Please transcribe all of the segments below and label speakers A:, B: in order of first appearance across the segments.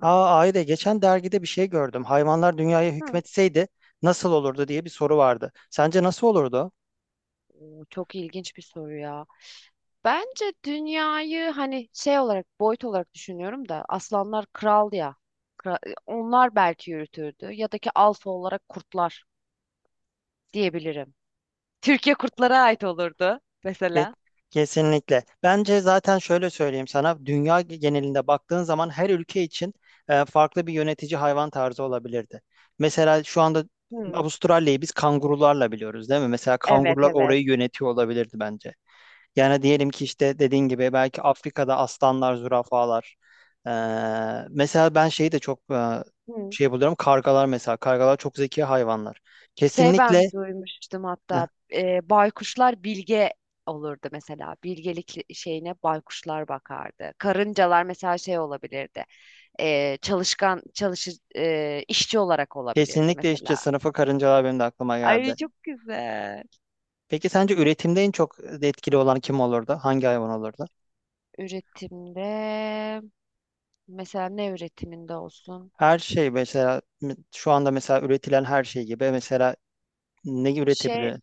A: Ayda geçen dergide bir şey gördüm. Hayvanlar dünyaya
B: Hı.
A: hükmetseydi nasıl olurdu diye bir soru vardı. Sence nasıl olurdu?
B: Çok ilginç bir soru ya. Bence dünyayı hani şey olarak boyut olarak düşünüyorum da aslanlar kral ya. Onlar belki yürütürdü ya da ki alfa olarak kurtlar diyebilirim. Türkiye kurtlara ait olurdu
A: Ke-
B: mesela.
A: Kesinlikle. Bence zaten şöyle söyleyeyim sana. Dünya genelinde baktığın zaman her ülke için farklı bir yönetici hayvan tarzı olabilirdi. Mesela şu anda
B: Hı.
A: Avustralya'yı biz kangurularla biliyoruz, değil mi? Mesela
B: Evet,
A: kangurular
B: evet.
A: orayı yönetiyor olabilirdi bence. Yani diyelim ki işte dediğin gibi belki Afrika'da aslanlar, zürafalar. Ee, mesela ben şeyi de çok
B: Hı.
A: şey buluyorum. Kargalar mesela. Kargalar çok zeki hayvanlar.
B: Şey,
A: Kesinlikle.
B: ben duymuştum
A: Heh,
B: hatta baykuşlar bilge olurdu mesela. Bilgelik şeyine baykuşlar bakardı. Karıncalar mesela şey olabilirdi. e, çalışkan çalışı işçi olarak olabilirdi
A: kesinlikle işte
B: mesela.
A: sınıfı karıncalar benim de aklıma geldi.
B: Ay, çok güzel.
A: Peki sence üretimde en çok etkili olan kim olurdu? Hangi hayvan olurdu?
B: Üretimde mesela ne üretiminde olsun?
A: Her şey mesela şu anda mesela üretilen her şey gibi mesela ne
B: Şey,
A: üretebilir?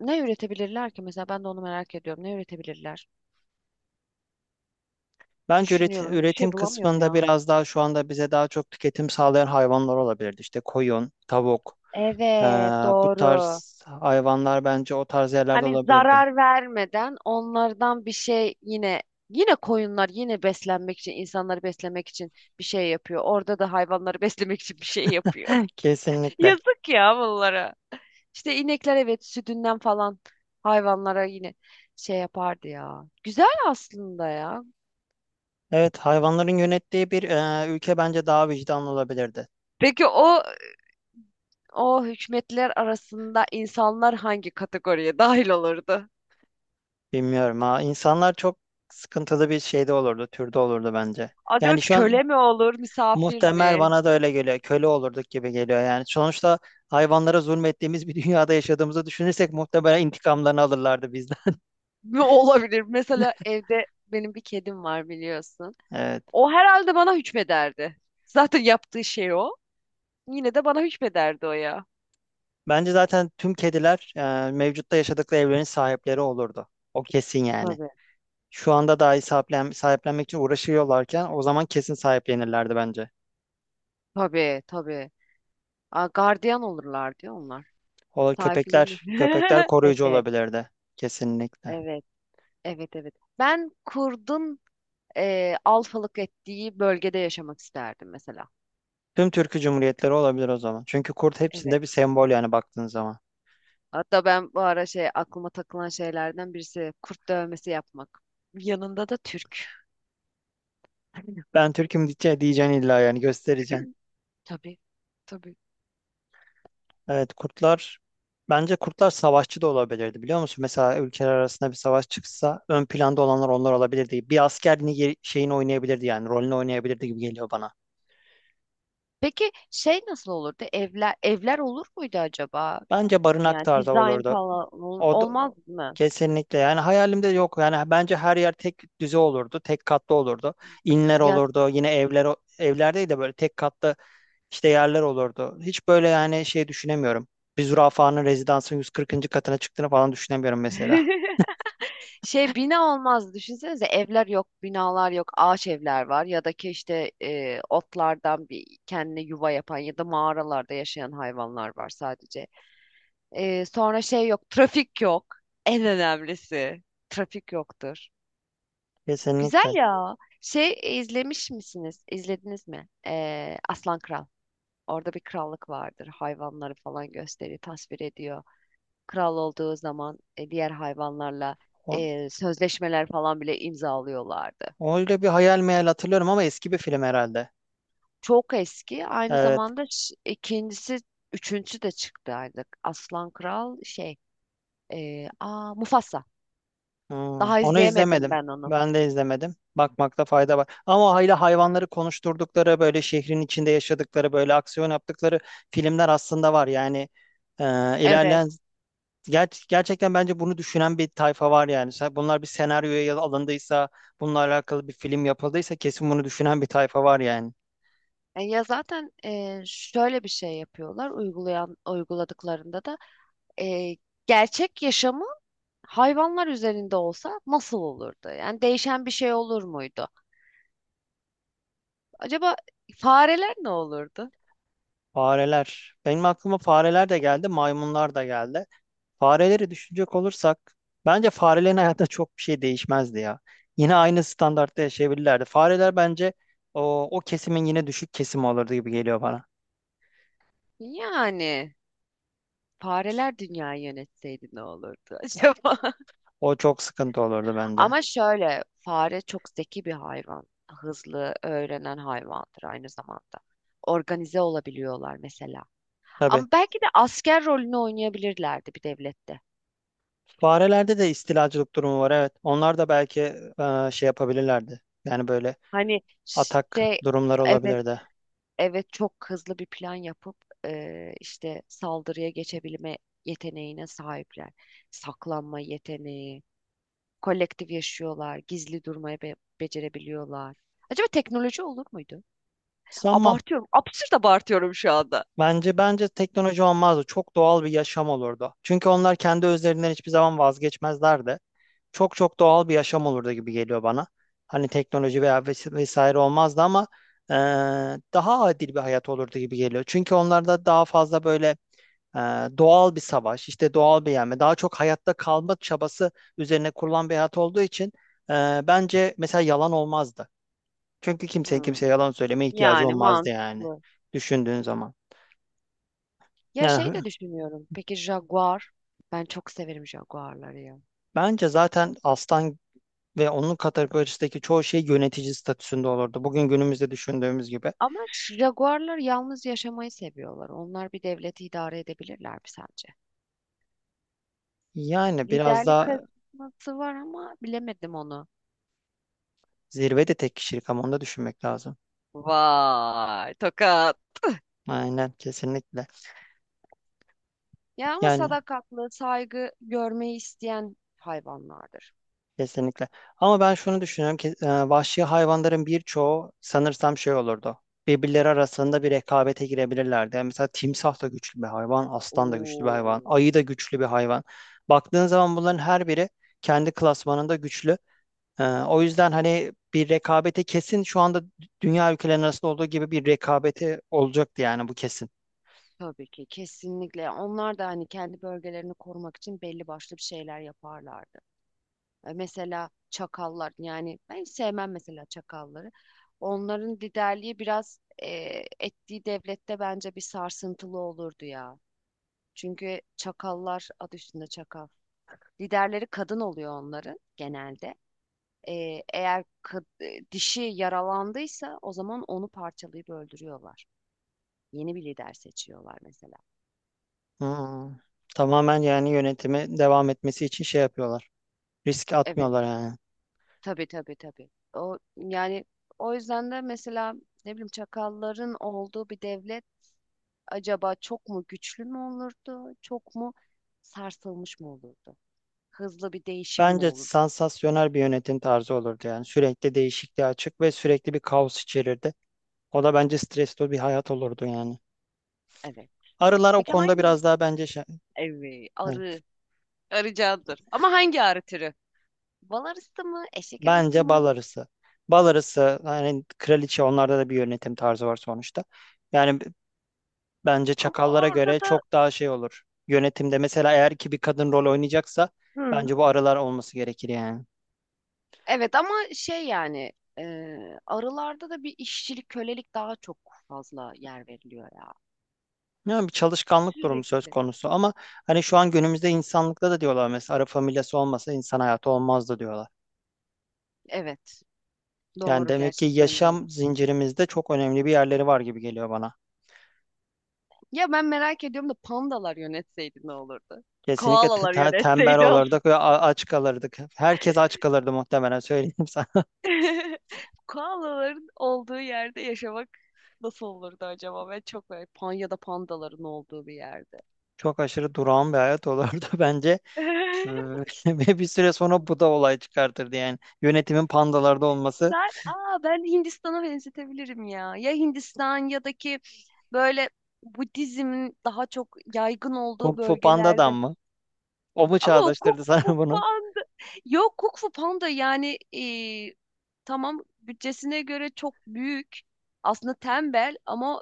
B: ne üretebilirler ki mesela, ben de onu merak ediyorum. Ne üretebilirler?
A: Bence üretim,
B: Düşünüyorum. Bir
A: üretim
B: şey bulamıyorum
A: kısmında
B: ya.
A: biraz daha şu anda bize daha çok tüketim sağlayan hayvanlar olabilirdi. İşte koyun, tavuk, eee,
B: Evet,
A: bu
B: doğru.
A: tarz hayvanlar bence o tarz yerlerde
B: Hani
A: olabilirdi.
B: zarar vermeden onlardan bir şey yine, yine koyunlar yine beslenmek için, insanları beslemek için bir şey yapıyor. Orada da hayvanları beslemek için bir şey yapıyor.
A: Kesinlikle.
B: Yazık ya bunlara. İşte inekler, evet, sütünden falan hayvanlara yine şey yapardı ya. Güzel aslında ya.
A: Evet, hayvanların yönettiği bir ülke bence daha vicdanlı olabilirdi.
B: Peki o, o hükümetler arasında insanlar hangi kategoriye dahil olurdu?
A: Bilmiyorum ha. İnsanlar çok sıkıntılı bir şeyde olurdu, türde olurdu bence.
B: Acaba
A: Yani şu an
B: köle mi olur, misafir
A: muhtemel
B: mi?
A: bana da öyle geliyor. Köle olurduk gibi geliyor yani. Sonuçta hayvanlara zulmettiğimiz bir dünyada yaşadığımızı düşünürsek muhtemelen intikamlarını alırlardı.
B: Ne olabilir? Mesela evde benim bir kedim var biliyorsun.
A: Evet.
B: O herhalde bana hükmederdi. Zaten yaptığı şey o. Yine de bana hükmederdi o ya.
A: Bence zaten tüm kediler mevcutta yaşadıkları evlerin sahipleri olurdu. O kesin yani.
B: Tabii.
A: Şu anda dahi sahiplenmek için uğraşıyorlarken o zaman kesin sahiplenirlerdi bence.
B: Tabii, tabii. Aa, gardiyan olurlar diyor onlar.
A: O
B: Sahiplenir.
A: köpekler koruyucu
B: Evet.
A: olabilirdi. Kesinlikle.
B: Evet, evet, evet. Ben kurdun alfalık ettiği bölgede yaşamak isterdim mesela.
A: Tüm Türkü Cumhuriyetleri olabilir o zaman. Çünkü kurt
B: Evet.
A: hepsinde bir sembol yani baktığın zaman.
B: Hatta ben bu ara şey, aklıma takılan şeylerden birisi kurt dövmesi yapmak. Yanında da Türk.
A: Ben Türk'üm diye diyeceksin illa yani göstereceksin.
B: Tabii. Tabii.
A: Evet kurtlar bence kurtlar savaşçı da olabilirdi biliyor musun? Mesela ülkeler arasında bir savaş çıksa ön planda olanlar onlar olabilirdi. Bir asker şeyini oynayabilirdi yani rolünü oynayabilirdi gibi geliyor bana.
B: Peki şey nasıl olurdu? Evler, evler olur muydu acaba?
A: Bence barınak
B: Yani
A: tarzı
B: dizayn
A: olurdu.
B: falan
A: O da-
B: olmaz mı?
A: kesinlikle yani hayalimde yok. Yani bence her yer tek düze olurdu. Tek katlı olurdu. İnler
B: Ya
A: olurdu. Yine evler evler de böyle tek katlı işte yerler olurdu. Hiç böyle yani şey düşünemiyorum. Bir zürafanın rezidansın 140. katına çıktığını falan düşünemiyorum mesela.
B: şey, bina olmaz, düşünsenize, evler yok, binalar yok, ağaç evler var ya da ki işte otlardan bir kendine yuva yapan ya da mağaralarda yaşayan hayvanlar var sadece. Sonra şey yok, trafik yok. En önemlisi trafik yoktur.
A: Kesinlikle.
B: Güzel ya. Şey, izlemiş misiniz? İzlediniz mi? E, Aslan Kral. Orada bir krallık vardır. Hayvanları falan gösteriyor, tasvir ediyor, kral olduğu zaman diğer hayvanlarla
A: O-
B: sözleşmeler falan bile imzalıyorlardı.
A: Öyle bir hayal meyal hatırlıyorum ama eski bir film herhalde.
B: Çok eski. Aynı
A: Evet.
B: zamanda ikincisi, üçüncüsü de çıktı artık. Aslan Kral şey, aa, Mufasa.
A: Hmm,
B: Daha
A: onu
B: izleyemedim
A: izlemedim.
B: ben onu.
A: Ben de izlemedim. Bakmakta fayda var. Ama o hala hayvanları konuşturdukları, böyle şehrin içinde yaşadıkları, böyle aksiyon yaptıkları filmler aslında var. Yani e,
B: Evet.
A: ilerleyen gerçekten bence bunu düşünen bir tayfa var yani. Bunlar bir senaryoya alındıysa, bununla alakalı bir film yapıldıysa kesin bunu düşünen bir tayfa var yani.
B: Ya zaten şöyle bir şey yapıyorlar, uygulayan uyguladıklarında da e, gerçek yaşamı hayvanlar üzerinde olsa nasıl olurdu? Yani değişen bir şey olur muydu? Acaba fareler ne olurdu?
A: Fareler. Benim aklıma fareler de geldi, maymunlar da geldi. Fareleri düşünecek olursak bence farelerin hayatında çok bir şey değişmezdi ya. Yine aynı standartta yaşayabilirlerdi. Fareler bence o kesimin yine düşük kesimi olurdu gibi geliyor bana.
B: Yani fareler dünyayı yönetseydi ne olurdu acaba?
A: O çok sıkıntı olurdu bence.
B: Ama şöyle, fare çok zeki bir hayvan. Hızlı öğrenen hayvandır aynı zamanda. Organize olabiliyorlar mesela.
A: Tabii.
B: Ama belki de asker rolünü oynayabilirlerdi bir devlette.
A: Farelerde de istilacılık durumu var evet. Onlar da belki şey yapabilirlerdi. Yani böyle
B: Hani
A: atak
B: şey,
A: durumları
B: evet,
A: olabilirdi.
B: evet, çok hızlı bir plan yapıp işte saldırıya geçebilme yeteneğine sahipler. Saklanma yeteneği, kolektif yaşıyorlar, gizli durmayı becerebiliyorlar. Acaba teknoloji olur muydu?
A: Sanmam.
B: Abartıyorum, absürt abartıyorum şu anda.
A: Bence teknoloji olmazdı. Çok doğal bir yaşam olurdu. Çünkü onlar kendi özlerinden hiçbir zaman vazgeçmezlerdi. Çok çok doğal bir yaşam olurdu gibi geliyor bana. Hani teknoloji veya vesaire olmazdı ama e, daha adil bir hayat olurdu gibi geliyor. Çünkü onlarda daha fazla böyle e, doğal bir savaş, işte doğal bir yenme, daha çok hayatta kalma çabası üzerine kurulan bir hayat olduğu için bence mesela yalan olmazdı. Çünkü kimsenin
B: Hmm,
A: kimseye yalan söylemeye ihtiyacı
B: yani
A: olmazdı yani
B: mantıklı.
A: düşündüğün zaman.
B: Ya
A: Yani
B: şey de düşünüyorum. Peki Jaguar? Ben çok severim Jaguar'ları ya.
A: bence zaten aslan ve onun kategorisindeki çoğu şey yönetici statüsünde olurdu. Bugün günümüzde düşündüğümüz gibi.
B: Ama Jaguar'lar yalnız yaşamayı seviyorlar. Onlar bir devleti idare edebilirler mi sence?
A: Yani biraz
B: Liderlik
A: daha
B: karizması var ama bilemedim onu.
A: zirve de tek kişilik ama onu da düşünmek lazım.
B: Vay, tokat.
A: Aynen kesinlikle.
B: Ya ama
A: Yani
B: sadakatli, saygı görmeyi isteyen hayvanlardır.
A: kesinlikle. Ama ben şunu düşünüyorum ki vahşi hayvanların birçoğu sanırsam şey olurdu. Birbirleri arasında bir rekabete girebilirlerdi. Yani mesela timsah da güçlü bir hayvan, aslan da güçlü bir hayvan,
B: Oo,
A: ayı da güçlü bir hayvan. Baktığın zaman bunların her biri kendi klasmanında güçlü. O yüzden hani bir rekabete kesin şu anda dünya ülkelerinin arasında olduğu gibi bir rekabete olacaktı yani bu kesin.
B: tabii ki, kesinlikle. Onlar da hani kendi bölgelerini korumak için belli başlı bir şeyler yaparlardı. E, mesela çakallar, yani ben hiç sevmem mesela çakalları. Onların liderliği biraz ettiği devlette bence bir sarsıntılı olurdu ya. Çünkü çakallar adı üstünde çakal. Liderleri kadın oluyor onların genelde. Eğer dişi yaralandıysa o zaman onu parçalayıp öldürüyorlar. Yeni bir lider seçiyorlar mesela.
A: Hmm. Tamamen yani yönetimi devam etmesi için şey yapıyorlar. Risk
B: Evet.
A: atmıyorlar yani.
B: Tabii, tabii, tabii. O yani, o yüzden de mesela ne bileyim çakalların olduğu bir devlet acaba çok mu güçlü mü olurdu? Çok mu sarsılmış mı olurdu? Hızlı bir değişim mi
A: Bence
B: olurdu?
A: sansasyonel bir yönetim tarzı olurdu yani. Sürekli değişikliğe açık ve sürekli bir kaos içerirdi. O da bence stresli bir hayat olurdu yani.
B: Evet.
A: Arılar o
B: Peki
A: konuda
B: hangi?
A: biraz daha bence
B: Evet,
A: evet.
B: arı. Arı candır. Ama hangi arı türü? Bal arısı mı? Eşek arısı
A: Bence bal
B: mı?
A: arısı. Bal arısı yani kraliçe onlarda da bir yönetim tarzı var sonuçta. Yani bence
B: Ama
A: çakallara
B: orada
A: göre
B: da
A: çok daha şey olur. Yönetimde mesela eğer ki bir kadın rol oynayacaksa
B: Hı.
A: bence bu arılar olması gerekir yani.
B: Evet, ama şey, yani e, arılarda da bir işçilik, kölelik daha çok fazla yer veriliyor ya.
A: Ya bir çalışkanlık durumu söz
B: Sürekli.
A: konusu ama hani şu an günümüzde insanlıkta da diyorlar mesela Arap familyası olmasa insan hayatı olmazdı diyorlar.
B: Evet.
A: Yani
B: Doğru,
A: demek ki
B: gerçekten doğru.
A: yaşam zincirimizde çok önemli bir yerleri var gibi geliyor bana.
B: Ya ben merak ediyorum da pandalar yönetseydi ne olurdu?
A: Kesinlikle
B: Koalalar
A: tembel
B: yönetseydi olsun.
A: olurduk ve aç kalırdık. Herkes aç kalırdı muhtemelen söyleyeyim sana.
B: Koalaların olduğu yerde yaşamak nasıl olurdu acaba? Ben çok böyle pan ya da pandaların olduğu bir yerde.
A: Çok aşırı durağan bir hayat olurdu bence. Ee, ve bir süre sonra bu da olay çıkartırdı yani. Yönetimin pandalarda olması.
B: Sen, aa, ben Hindistan'a benzetebilirim ya. Ya Hindistan ya da ki böyle Budizmin daha çok yaygın
A: Kung
B: olduğu
A: Fu Panda'dan
B: bölgelerde.
A: mı? O mu
B: Ama o Kung
A: çağrıştırdı sana
B: Fu
A: bunu?
B: Panda. Yok Kung Fu Panda, yani tamam, bütçesine göre çok büyük aslında, tembel ama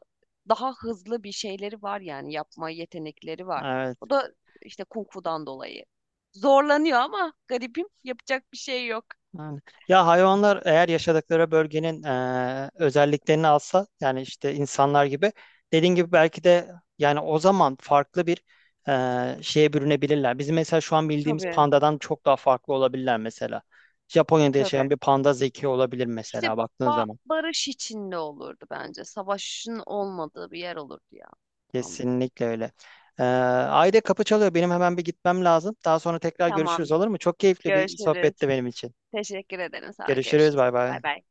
B: daha hızlı bir şeyleri var, yani yapma yetenekleri var.
A: Evet.
B: O da işte kung fu'dan dolayı. Zorlanıyor ama garibim yapacak bir şey yok.
A: Yani, ya hayvanlar eğer yaşadıkları bölgenin özelliklerini alsa yani işte insanlar gibi dediğin gibi belki de yani o zaman farklı bir şeye bürünebilirler. Bizim mesela şu an bildiğimiz
B: Tabii,
A: pandadan çok daha farklı olabilirler mesela. Japonya'da yaşayan
B: tabii.
A: bir panda zeki olabilir
B: İşte
A: mesela baktığın zaman.
B: barış içinde olurdu bence. Savaşın olmadığı bir yer olurdu ya. Tam da olur.
A: Kesinlikle öyle. Ayda kapı çalıyor. Benim hemen bir gitmem lazım. Daha sonra tekrar
B: Tamam,
A: görüşürüz olur mu? Çok keyifli bir
B: görüşürüz.
A: sohbetti benim için.
B: Teşekkür ederim sana.
A: Görüşürüz.
B: Görüşürüz.
A: Bay
B: Bay
A: bay.
B: bay.